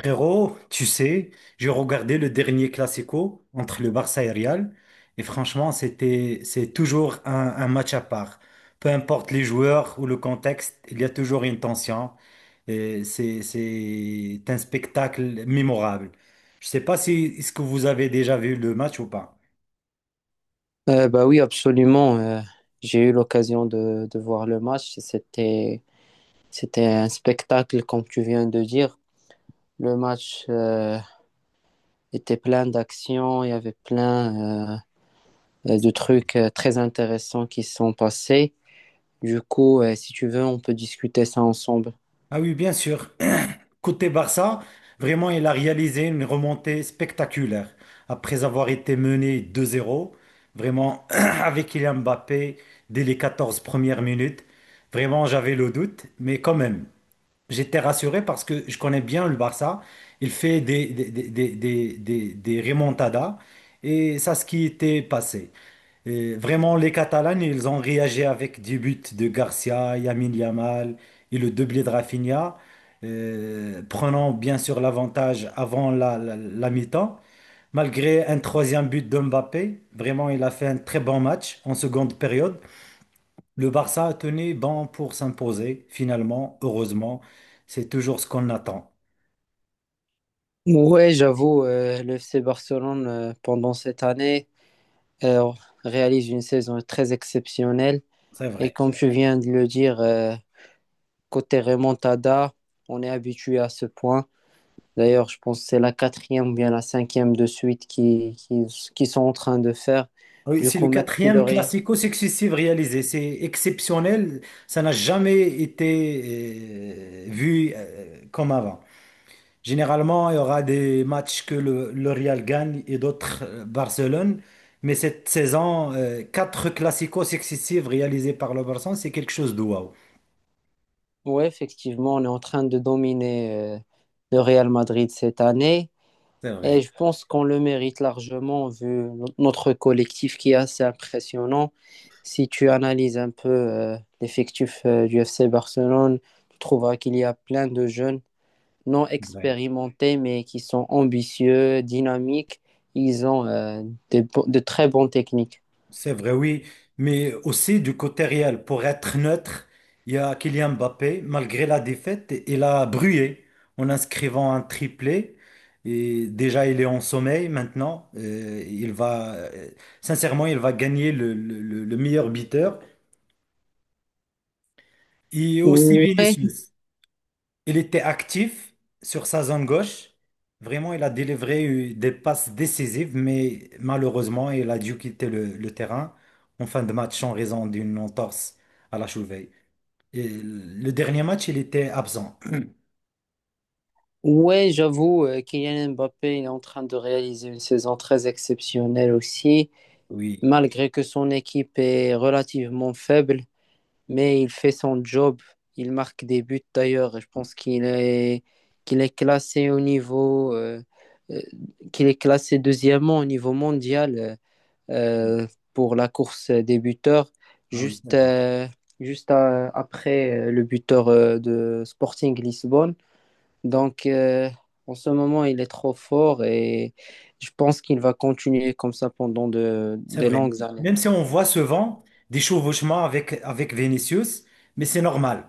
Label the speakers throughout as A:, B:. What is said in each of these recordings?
A: Frérot, tu sais, j'ai regardé le dernier Classico entre le Barça et Real et franchement, c'est toujours un match à part. Peu importe les joueurs ou le contexte, il y a toujours une tension et c'est un spectacle mémorable. Je sais pas si est-ce que vous avez déjà vu le match ou pas.
B: Bah oui, absolument. J'ai eu l'occasion de voir le match. C'était un spectacle, comme tu viens de dire. Le match était plein d'actions, il y avait plein de trucs très intéressants qui se sont passés. Du coup, si tu veux, on peut discuter ça ensemble.
A: Ah oui, bien sûr. Côté Barça, vraiment, il a réalisé une remontée spectaculaire. Après avoir été mené 2-0, vraiment, avec Kylian Mbappé, dès les 14 premières minutes, vraiment, j'avais le doute, mais quand même, j'étais rassuré parce que je connais bien le Barça. Il fait des remontadas et ça, ce qui était passé. Et vraiment, les Catalans, ils ont réagi avec des buts de Garcia, Yamin Yamal et le doublé de Rafinha, prenant bien sûr l'avantage avant la mi-temps. Malgré un troisième but de Mbappé, vraiment, il a fait un très bon match en seconde période. Le Barça a tenu bon pour s'imposer, finalement, heureusement. C'est toujours ce qu'on attend.
B: Ouais, j'avoue, le FC Barcelone, pendant cette année, euh, réalise une saison très exceptionnelle.
A: C'est
B: Et
A: vrai.
B: comme tu viens de le dire, côté remontada, on est habitué à ce point. D'ailleurs, je pense que c'est la quatrième ou bien la cinquième de suite qui sont en train de faire.
A: Oui,
B: Du
A: c'est le
B: coup, même si le
A: quatrième
B: Real...
A: classico successif réalisé. C'est exceptionnel. Ça n'a jamais été vu comme avant. Généralement, il y aura des matchs que le Real gagne et d'autres Barcelone. Mais cette saison, quatre classicos successifs réalisés par le Barça, c'est quelque chose de waouh.
B: Oui, effectivement, on est en train de dominer le Real Madrid cette année.
A: C'est
B: Et
A: vrai.
B: je pense qu'on le mérite largement vu notre collectif qui est assez impressionnant. Si tu analyses un peu l'effectif du FC Barcelone, tu trouveras qu'il y a plein de jeunes non expérimentés, mais qui sont ambitieux, dynamiques. Ils ont de très bonnes techniques.
A: C'est vrai, oui, mais aussi du côté réel, pour être neutre, il y a Kylian Mbappé, malgré la défaite, il a brûlé en inscrivant un triplé. Et déjà, il est en sommeil maintenant. Il va, sincèrement, il va gagner le meilleur buteur. Et aussi
B: Ouais,
A: Vinicius. Il était actif sur sa zone gauche. Vraiment, il a délivré des passes décisives, mais malheureusement, il a dû quitter le terrain en fin de match en raison d'une entorse à la cheville. Et le dernier match, il était absent.
B: ouais, j'avoue, Kylian Mbappé il est en train de réaliser une saison très exceptionnelle aussi,
A: Oui.
B: malgré que son équipe est relativement faible, mais il fait son job. Il marque des buts d'ailleurs. Je pense qu'il est classé au niveau, euh, qu'il est classé deuxièmement au niveau mondial. Euh, pour la course débuteur,
A: Ah oui, c'est
B: juste,
A: vrai.
B: euh, juste après le buteur de Sporting Lisbonne. Donc, en ce moment, il est trop fort et je pense qu'il va continuer comme ça pendant
A: C'est
B: des
A: vrai.
B: longues années.
A: Même si on voit souvent des chevauchements avec Vinicius, mais c'est normal.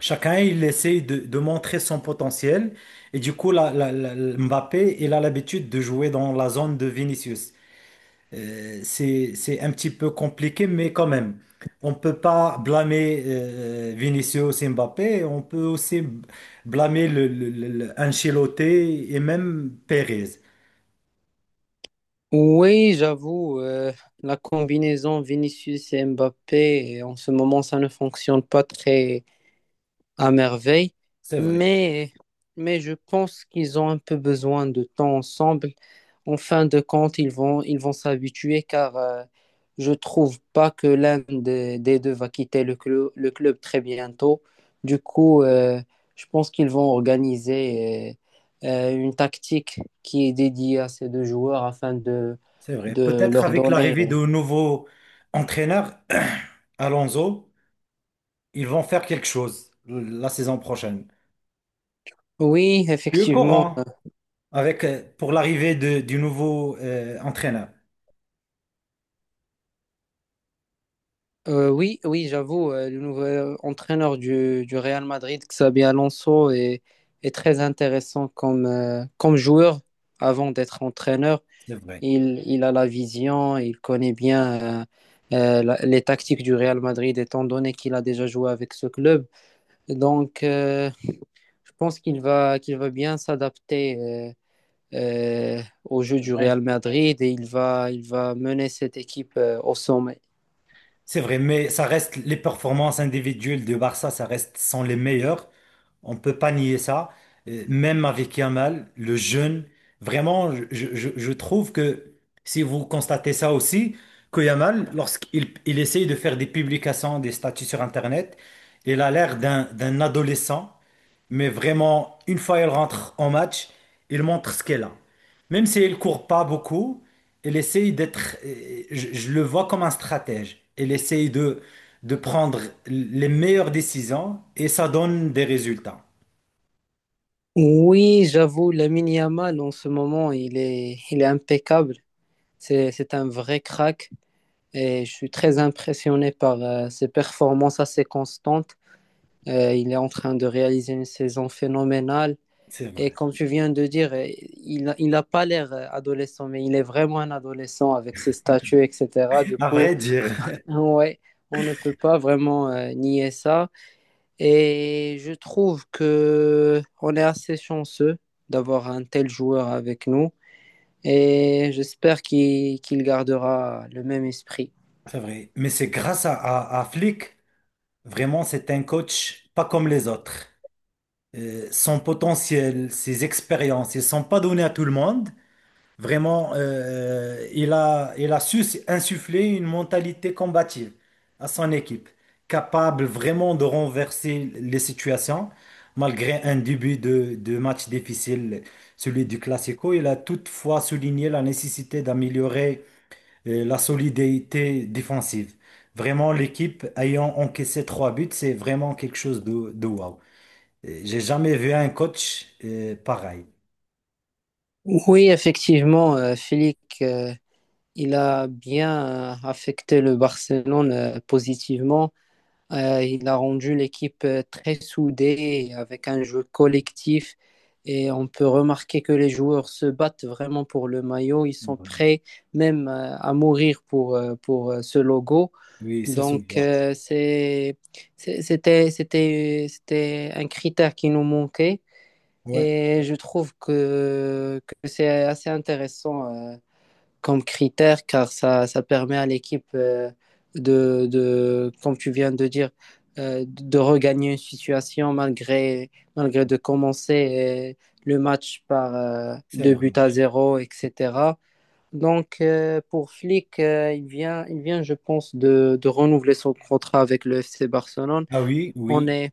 A: Chacun, il essaie de montrer son potentiel. Et du coup, Mbappé, il a l'habitude de jouer dans la zone de Vinicius. C'est un petit peu compliqué, mais quand même, on ne peut pas blâmer Vinicius et Mbappé. On peut aussi blâmer Ancelotti et même Pérez.
B: Oui, j'avoue, la combinaison Vinicius et Mbappé, en ce moment, ça ne fonctionne pas très, à merveille,
A: C'est vrai.
B: mais, mais je pense qu'ils ont un peu besoin de temps ensemble. En fin de compte, ils vont s'habituer car je trouve pas que l'un des deux va quitter le club très bientôt. Du coup, je pense qu'ils vont organiser euh, une tactique qui est dédiée à ces deux joueurs afin
A: C'est vrai.
B: de
A: Peut-être
B: leur
A: avec
B: donner.
A: l'arrivée de nouveau entraîneur, Alonso, ils vont faire quelque chose la saison prochaine.
B: Oui,
A: Eux
B: effectivement.
A: courant avec pour l'arrivée du nouveau entraîneur.
B: Oui, oui, j'avoue, le nouvel entraîneur du Real Madrid, Xabi Alonso, est très intéressant comme, comme joueur avant d'être entraîneur.
A: C'est vrai.
B: Il a la vision, il connaît bien les tactiques du Real Madrid, étant donné qu'il a déjà joué avec ce club. Donc, je pense qu'il va bien s'adapter au jeu du Real Madrid et il va mener cette équipe au sommet.
A: C'est vrai, mais ça reste les performances individuelles de Barça, ça reste sont les meilleures. On peut pas nier ça. Même avec Yamal, le jeune, vraiment, je trouve que si vous constatez ça aussi, que Yamal, lorsqu'il il essaye de faire des publications, des statuts sur Internet, il a l'air d'un adolescent. Mais vraiment, une fois elle rentre en match, elle montre ce qu'elle a. Même si elle court pas beaucoup, elle essaye d'être, je le vois comme un stratège. Elle essaye de prendre les meilleures décisions et ça donne des résultats.
B: Oui, j'avoue, Lamine Yamal, en ce moment, il est impeccable. C'est un vrai crack et je suis très impressionné par ses performances assez constantes. Il est en train de réaliser une saison phénoménale.
A: C'est
B: Et
A: vrai.
B: comme tu viens de dire, il n'a pas l'air adolescent, mais il est vraiment un adolescent avec ses statuts, etc. Du
A: À
B: coup,
A: vrai dire,
B: ouais, on ne peut pas vraiment nier ça. Et je trouve que on est assez chanceux d'avoir un tel joueur avec nous et j'espère qu'il gardera le même esprit.
A: c'est vrai. Mais c'est grâce à Flick, vraiment, c'est un coach pas comme les autres. Son potentiel, ses expériences, ils ne sont pas donnés à tout le monde. Vraiment, il a su insuffler une mentalité combative à son équipe, capable vraiment de renverser les situations. Malgré un début de match difficile, celui du Classico, il a toutefois souligné la nécessité d'améliorer la solidité défensive. Vraiment, l'équipe ayant encaissé trois buts, c'est vraiment quelque chose de wow. J'ai jamais vu un coach pareil.
B: Oui, effectivement, Flick, il a bien affecté le Barcelone positivement. Il a rendu l'équipe très soudée avec un jeu collectif et on peut remarquer que les joueurs se battent vraiment pour le maillot. Ils sont prêts même à mourir pour ce logo.
A: Oui, ça se
B: Donc
A: voit.
B: c'était un critère qui nous manquait
A: Ouais,
B: et je trouve que c'est assez intéressant. euh, Comme critère car ça permet à l'équipe comme tu viens de dire, de regagner une situation malgré de commencer le match par
A: c'est
B: deux
A: vrai.
B: buts à zéro, etc. Donc pour Flick, il vient, je pense, de renouveler son contrat avec le FC Barcelone.
A: Ah oui,
B: On
A: oui,
B: est,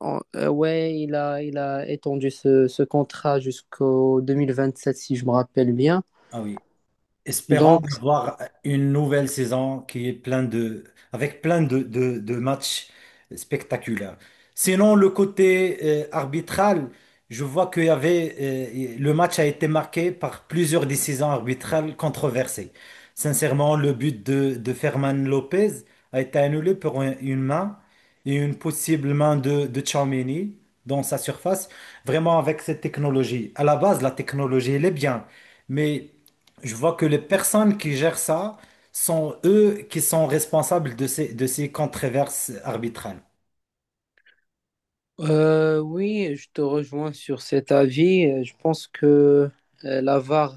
B: ouais, il a étendu ce contrat jusqu'au 2027, si je me rappelle bien.
A: ah oui. Espérons
B: Donc
A: avoir une nouvelle saison qui est plein de, avec plein de matchs spectaculaires. Sinon, le côté arbitral, je vois qu'il y avait, le match a été marqué par plusieurs décisions arbitrales controversées. Sincèrement, le but de Ferman Lopez a été annulé pour une main et une possible main de Tchouaméni dans sa surface. Vraiment, avec cette technologie. À la base, la technologie, elle est bien, mais je vois que les personnes qui gèrent ça sont eux qui sont responsables de de ces controverses arbitrales.
B: Oui, je te rejoins sur cet avis. Je pense que la VAR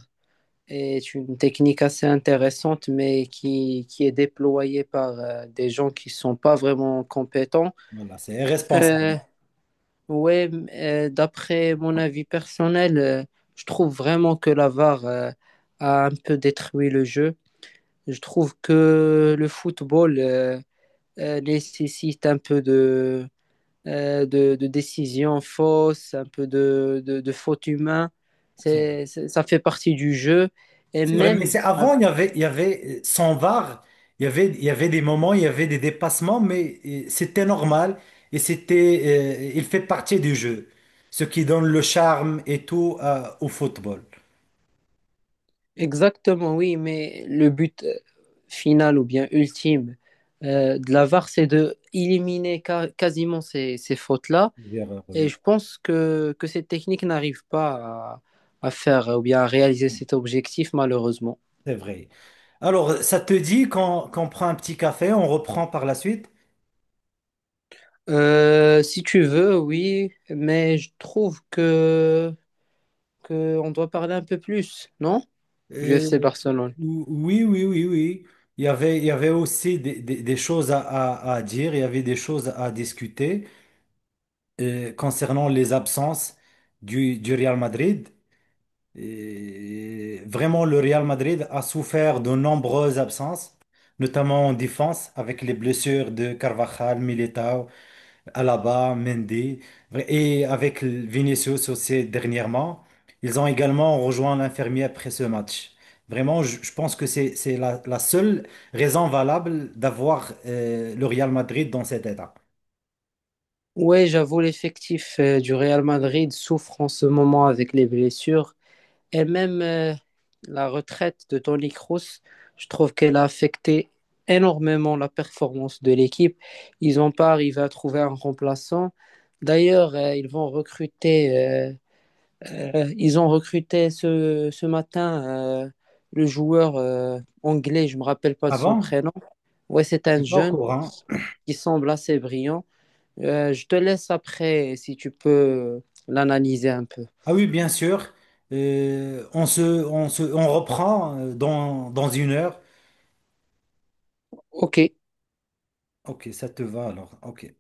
B: est une technique assez intéressante, mais qui est déployée par des gens qui ne sont pas vraiment compétents.
A: Voilà, c'est irresponsable.
B: Euh, D'après mon avis personnel, je trouve vraiment que la VAR a un peu détruit le jeu. Je trouve que le football nécessite un peu de décisions fausses, un peu de fautes humaines. Ça fait partie du jeu. Et
A: C'est vrai, mais
B: même,
A: c'est
B: ah,
A: avant, sans VAR, il y avait des moments, il y avait des dépassements, mais c'était normal et c'était, il fait partie du jeu, ce qui donne le charme et tout au football.
B: Exactement, oui, mais le but final ou bien ultime de la VAR, c'est de éliminer quasiment ces fautes-là. Et
A: Oui,
B: je pense que cette technique n'arrive pas à, à faire ou bien à réaliser cet objectif, malheureusement.
A: c'est vrai. Alors, ça te dit qu'on prend un petit café, on reprend par la suite?
B: Si tu veux, oui, mais je trouve que qu'on doit parler un peu plus, non? Du FC
A: Euh,
B: Barcelone.
A: ou- oui, oui, oui, oui. Il y avait aussi des, des choses à, à dire, il y avait des choses à discuter concernant les absences du Real Madrid. Et vraiment, le Real Madrid a souffert de nombreuses absences, notamment en défense, avec les blessures de Carvajal, Militao. Alaba, Mendy, et avec Vinicius aussi dernièrement, ils ont également rejoint l'infirmier après ce match. Vraiment, je pense que c'est la seule raison valable d'avoir le Real Madrid dans cet état.
B: Ouais, j'avoue, l'effectif du Real Madrid souffre en ce moment avec les blessures et même la retraite de Toni Kroos, je trouve qu'elle a affecté énormément la performance de l'équipe. Ils n'ont pas arrivé à trouver un remplaçant. D'ailleurs, ils ont recruté ce matin le joueur anglais, je ne me rappelle pas de son
A: Avant,
B: prénom. Ouais, c'est
A: je
B: un
A: suis pas au
B: jeune
A: courant.
B: qui semble assez brillant. Je te laisse après si tu peux l'analyser un peu.
A: Ah oui, bien sûr. On se, on reprend dans, dans une heure.
B: Ok,
A: Ok, ça te va alors. Ok.